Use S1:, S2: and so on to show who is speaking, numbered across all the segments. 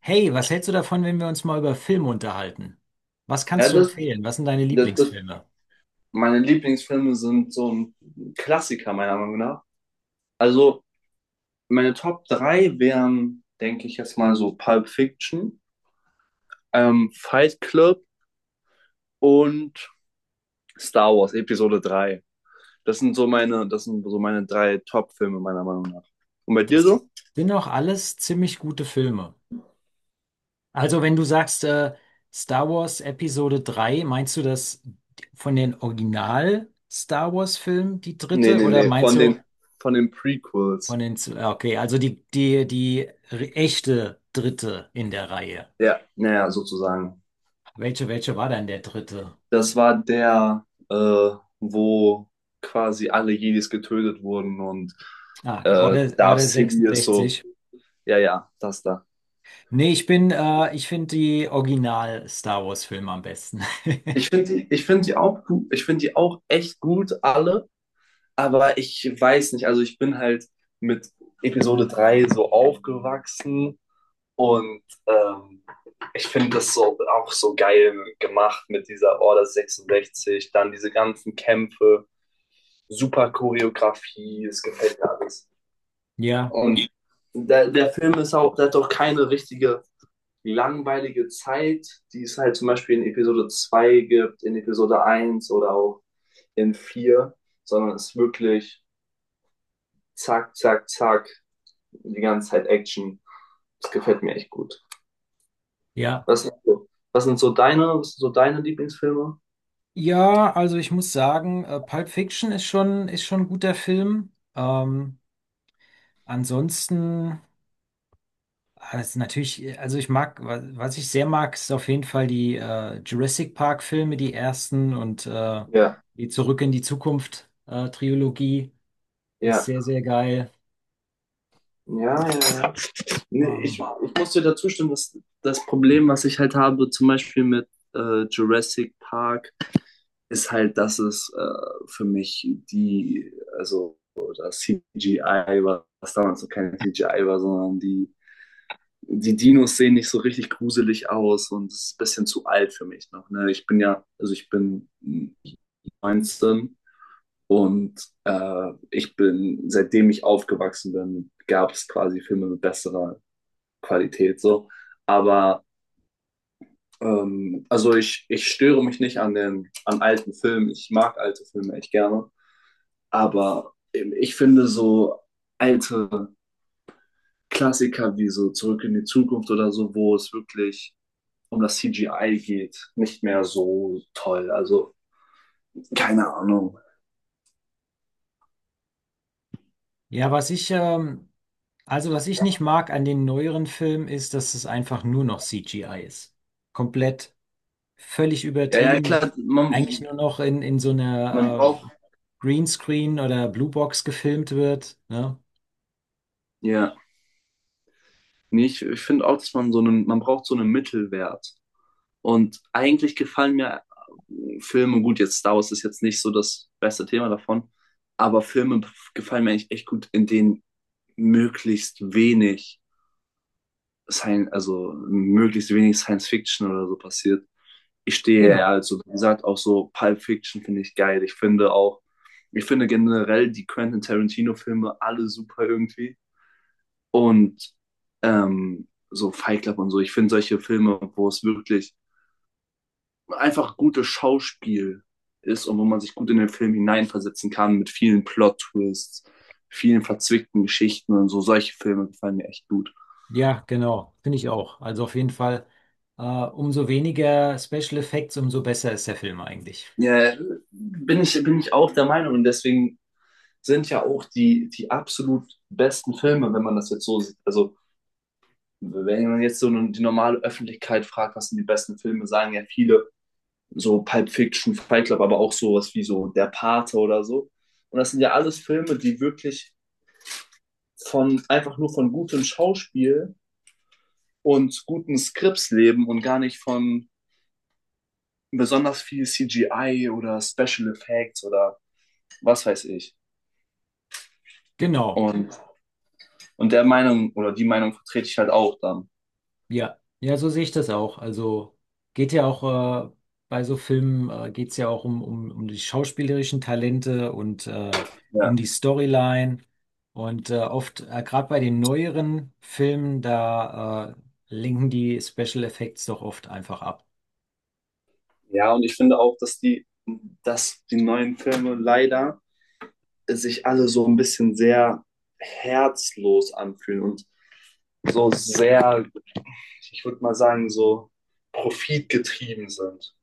S1: Hey, was hältst du davon, wenn wir uns mal über Filme unterhalten? Was
S2: Ja,
S1: kannst du empfehlen? Was sind deine
S2: das, das,
S1: Lieblingsfilme?
S2: meine Lieblingsfilme sind so ein Klassiker, meiner Meinung nach. Also, meine Top 3 wären, denke ich jetzt mal, so Pulp Fiction, Fight Club und Star Wars Episode drei. Das sind so meine drei Top-Filme, meiner Meinung nach. Und bei dir
S1: Das
S2: so?
S1: sind auch alles ziemlich gute Filme. Also, wenn du sagst, Star Wars Episode 3, meinst du das von den Original Star Wars Filmen, die
S2: Nee,
S1: dritte,
S2: nee,
S1: oder
S2: nee,
S1: meinst du
S2: von den
S1: von
S2: Prequels.
S1: den, ja, okay, also die echte dritte in der Reihe?
S2: Ja, naja, sozusagen.
S1: Welche war denn der dritte?
S2: Das war der, wo quasi alle Jedis getötet wurden und
S1: Ah, die
S2: Darth
S1: Order
S2: Sidious so,
S1: 66.
S2: ja, ja, das da.
S1: Nee, ich bin, ich finde die Original-Star Wars-Filme am besten.
S2: Ich finde die auch gut, ich finde die auch echt gut, alle, aber ich weiß nicht, also ich bin halt mit Episode 3 so aufgewachsen und ich finde das so auch so geil gemacht mit dieser Order 66, dann diese ganzen Kämpfe, super Choreografie, es gefällt mir alles.
S1: Ja,
S2: Und der Film ist auch, der hat auch keine richtige langweilige Zeit, die es halt zum Beispiel in Episode 2 gibt, in Episode eins oder auch in vier, sondern es ist wirklich zack, zack, zack, die ganze Zeit Action. Das gefällt mir echt gut.
S1: ja.
S2: Was sind so deine, was sind so deine Lieblingsfilme?
S1: Ja, also ich muss sagen, Pulp Fiction ist schon ein guter Film. Ansonsten, ah, das ist natürlich, also ich mag, was ich sehr mag, ist auf jeden Fall die Jurassic Park-Filme, die ersten und
S2: Ja,
S1: die Zurück in die Zukunft Trilogie ist
S2: ja.
S1: sehr, sehr geil.
S2: Ja, ja, ja. Nee, ich,
S1: Ähm,
S2: ich muss dir dazu stimmen, dass das Problem, was ich halt habe, zum Beispiel mit Jurassic Park ist halt, dass es für also das CGI war, was damals noch kein CGI war, sondern die Dinos sehen nicht so richtig gruselig aus und es ist ein bisschen zu alt für mich noch. Ne? Ich bin ja, also ich bin 19 und ich bin, seitdem ich aufgewachsen bin, gab es quasi Filme mit besserer Qualität so. Aber also ich störe mich nicht an alten Filmen. Ich mag alte Filme echt gerne. Aber ich finde so alte Klassiker wie so Zurück in die Zukunft oder so, wo es wirklich um das CGI geht, nicht mehr so toll. Also keine Ahnung.
S1: ja, was ich, ähm, Also, was ich nicht mag an den neueren Filmen ist, dass es einfach nur noch CGI ist. Komplett, völlig
S2: Ja, ja,
S1: übertrieben. Das
S2: klar,
S1: ist eigentlich nur noch in so
S2: man
S1: einer
S2: braucht,
S1: Greenscreen oder Bluebox gefilmt wird. Ne?
S2: ja, nee, ich finde auch, dass man braucht so einen Mittelwert. Und eigentlich gefallen mir Filme, gut, jetzt Star Wars ist jetzt nicht so das beste Thema davon, aber Filme gefallen mir eigentlich echt gut, in denen möglichst wenig also möglichst wenig Science Fiction oder so passiert. Ich stehe ja
S1: Genau.
S2: also, wie gesagt, auch so Pulp Fiction finde ich geil. Ich finde generell die Quentin Tarantino-Filme alle super irgendwie. Und so Fight Club und so. Ich finde solche Filme, wo es wirklich einfach gutes Schauspiel ist und wo man sich gut in den Film hineinversetzen kann mit vielen Plot-Twists, vielen verzwickten Geschichten und so. Solche Filme gefallen mir echt gut.
S1: Ja, genau. Finde ich auch. Also auf jeden Fall, umso weniger Special Effects, umso besser ist der Film eigentlich.
S2: Ja, bin ich auch der Meinung. Und deswegen sind ja auch die absolut besten Filme, wenn man das jetzt so sieht. Also, wenn man jetzt so nun die normale Öffentlichkeit fragt, was sind die besten Filme, sagen ja viele so Pulp Fiction, Fight Club, aber auch sowas wie so Der Pate oder so. Und das sind ja alles Filme, die wirklich von einfach nur von gutem Schauspiel und guten Skripts leben und gar nicht von besonders viel CGI oder Special Effects oder was weiß ich.
S1: Genau.
S2: Und Und der Meinung oder die Meinung vertrete ich halt auch dann.
S1: Ja, ja, so sehe ich das auch. Also geht ja auch bei so Filmen, geht es ja auch um die schauspielerischen Talente und um
S2: Ja.
S1: die Storyline. Und gerade bei den neueren Filmen, da linken die Special Effects doch oft einfach ab.
S2: Ja, und ich finde auch, dass die neuen Filme leider sich alle so ein bisschen sehr herzlos anfühlen und so sehr, ich würde mal sagen, so profitgetrieben sind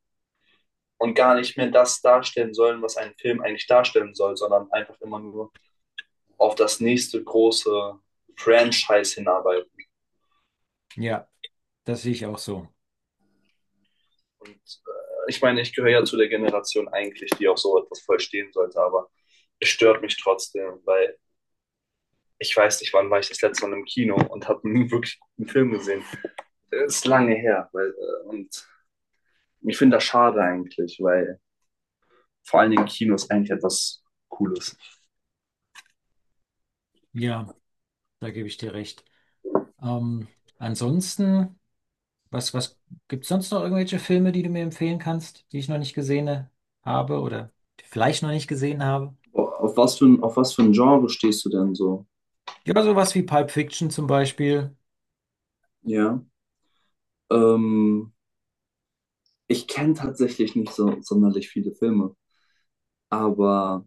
S2: und gar nicht mehr das darstellen sollen, was ein Film eigentlich darstellen soll, sondern einfach immer nur auf das nächste große Franchise hinarbeiten.
S1: Ja, das sehe ich auch so.
S2: Und ich meine, ich gehöre ja zu der Generation eigentlich, die auch so etwas verstehen sollte, aber es stört mich trotzdem, weil ich weiß nicht, wann war ich das letzte Mal im Kino und habe einen wirklich guten Film gesehen. Das ist lange her, und ich finde das schade eigentlich, weil vor allen Dingen Kino ist eigentlich etwas Cooles.
S1: Ja, da gebe ich dir recht. Ähm, ansonsten. Was gibt's sonst noch irgendwelche Filme, die du mir empfehlen kannst, die ich noch nicht gesehen habe oder die vielleicht noch nicht gesehen habe?
S2: Auf was für ein Genre stehst du denn so?
S1: Ja, sowas wie Pulp Fiction zum Beispiel.
S2: Ja. Ähm, ich kenne tatsächlich nicht so sonderlich viele Filme, aber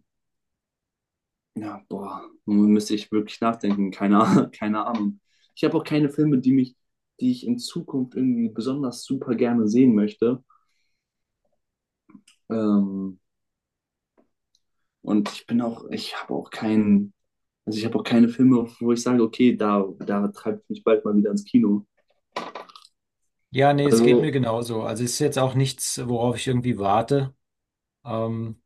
S2: ja, boah, nun müsste ich wirklich nachdenken. Keine, Ah- Keine Ahnung. Ich habe auch keine Filme, die ich in Zukunft irgendwie besonders super gerne sehen möchte. Ähm, und ich habe auch keinen, also ich habe auch keine Filme, wo ich sage, okay, da, da treibt mich bald mal wieder ins Kino.
S1: Ja, nee, es geht
S2: Also,
S1: mir genauso. Also es ist jetzt auch nichts, worauf ich irgendwie warte. Ähm,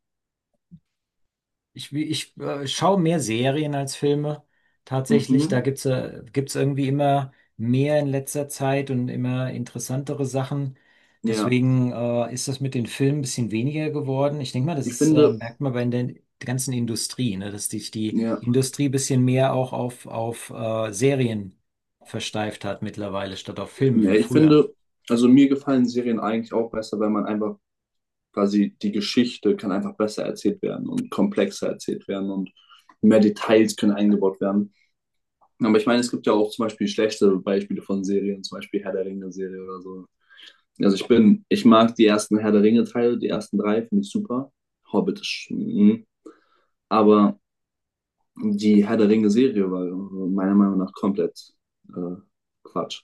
S1: ich schaue mehr Serien als Filme tatsächlich. Da
S2: mhm,
S1: gibt's irgendwie immer mehr in letzter Zeit und immer interessantere Sachen.
S2: ja,
S1: Deswegen ist das mit den Filmen ein bisschen weniger geworden. Ich denke mal, das
S2: ich
S1: ist,
S2: finde,
S1: merkt man bei der ganzen Industrie, ne? Dass sich die
S2: ja,
S1: Industrie ein bisschen mehr auch auf Serien versteift hat mittlerweile, statt auf Filme
S2: ja,
S1: wie
S2: ich
S1: früher.
S2: finde, also mir gefallen Serien eigentlich auch besser, wenn man einfach quasi die Geschichte kann einfach besser erzählt werden und komplexer erzählt werden und mehr Details können eingebaut werden. Aber ich meine, es gibt ja auch zum Beispiel schlechte Beispiele von Serien, zum Beispiel Herr der Ringe-Serie oder so. Also ich bin, ich mag die ersten Herr der Ringe-Teile, die ersten drei, finde ich super. Hobbit ist, mhm. Aber die Herr der Ringe-Serie war meiner Meinung nach komplett äh, Quatsch.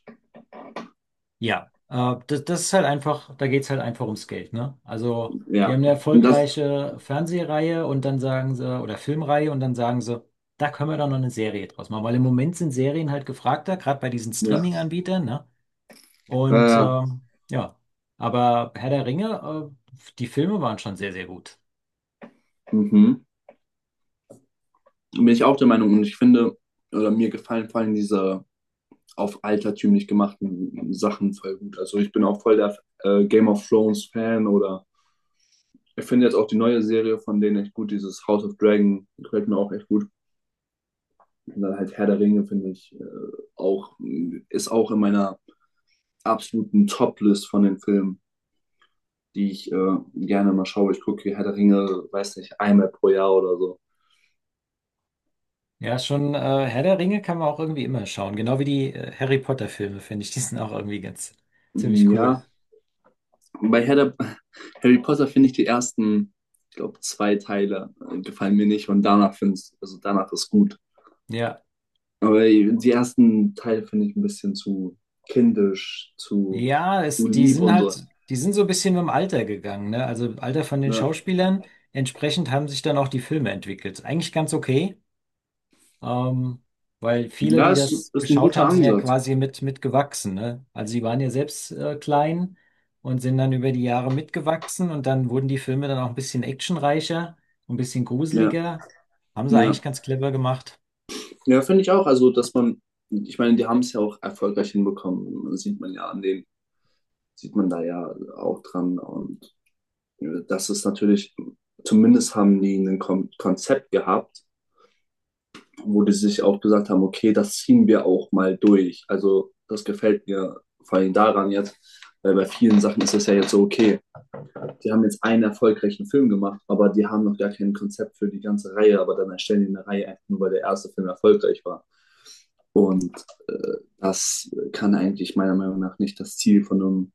S1: Ja, das ist halt einfach, da geht's halt einfach ums Geld, ne? Also, die
S2: Ja,
S1: haben eine
S2: und das,
S1: erfolgreiche Fernsehreihe und dann sagen sie, oder Filmreihe und dann sagen sie, da können wir doch noch eine Serie draus machen, weil im Moment sind Serien halt gefragter, gerade bei diesen
S2: ja,
S1: Streaming-Anbietern, ne? Und
S2: äh,
S1: ja, aber Herr der Ringe, die Filme waren schon sehr, sehr gut.
S2: mhm. Bin ich auch der Meinung und ich finde, oder mir gefallen vor allem diese auf altertümlich gemachten Sachen voll gut. Also ich bin auch voll der Game of Thrones Fan oder ich finde jetzt auch die neue Serie von denen echt gut. Dieses House of Dragon gefällt mir auch echt gut. Und dann halt Herr der Ringe finde ich auch, ist auch in meiner absoluten Top-List von den Filmen, die ich gerne mal schaue. Ich gucke Herr der Ringe, weiß nicht, einmal pro Jahr oder so.
S1: Ja, schon Herr der Ringe kann man auch irgendwie immer schauen, genau wie die Harry Potter-Filme, finde ich, die sind auch irgendwie ganz
S2: Hm,
S1: ziemlich cool.
S2: ja, bei Herr der, Harry Potter finde ich die ersten, ich glaube, zwei Teile gefallen mir nicht und danach finde ich, also danach ist gut.
S1: Ja.
S2: Aber die ersten Teil finde ich ein bisschen zu kindisch,
S1: Ja,
S2: zu
S1: es, die
S2: lieb
S1: sind
S2: und so.
S1: halt, die sind so ein bisschen mit dem Alter gegangen, ne? Also Alter von den
S2: Ja,
S1: Schauspielern. Entsprechend haben sich dann auch die Filme entwickelt. Eigentlich ganz okay, ähm, weil viele,
S2: ja
S1: die
S2: ist,
S1: das
S2: ist ein
S1: geschaut
S2: guter
S1: haben, sind ja
S2: Ansatz.
S1: quasi mitgewachsen, ne? Also die waren ja selbst klein und sind dann über die Jahre mitgewachsen und dann wurden die Filme dann auch ein bisschen actionreicher, ein bisschen
S2: Ja,
S1: gruseliger. Haben sie eigentlich
S2: ja.
S1: ganz clever gemacht.
S2: Ja, finde ich auch. Also, dass man, ich meine, die haben es ja auch erfolgreich hinbekommen. Das sieht man ja an den, sieht man da ja auch dran. Und das ist natürlich, zumindest haben die ein Konzept gehabt, wo die sich auch gesagt haben, okay, das ziehen wir auch mal durch. Also, das gefällt mir vor allem daran jetzt, weil bei vielen Sachen ist es ja jetzt so, okay, die haben jetzt einen erfolgreichen Film gemacht, aber die haben noch gar kein Konzept für die ganze Reihe, aber dann erstellen die eine Reihe einfach nur, weil der erste Film erfolgreich war. Und das kann eigentlich meiner Meinung nach nicht das Ziel von einem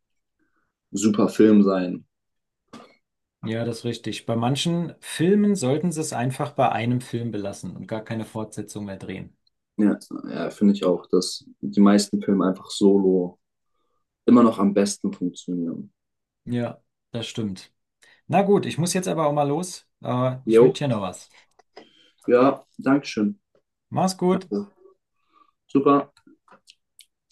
S2: super Film sein.
S1: Ja, das ist richtig. Bei manchen Filmen sollten sie es einfach bei einem Film belassen und gar keine Fortsetzung mehr drehen.
S2: Ja, ja finde ich auch, dass die meisten Filme einfach solo immer noch am besten funktionieren.
S1: Ja, das stimmt. Na gut, ich muss jetzt aber auch mal los. Ich wünsche
S2: Jo,
S1: dir noch was.
S2: ja, Dankeschön.
S1: Mach's gut.
S2: Danke. Super.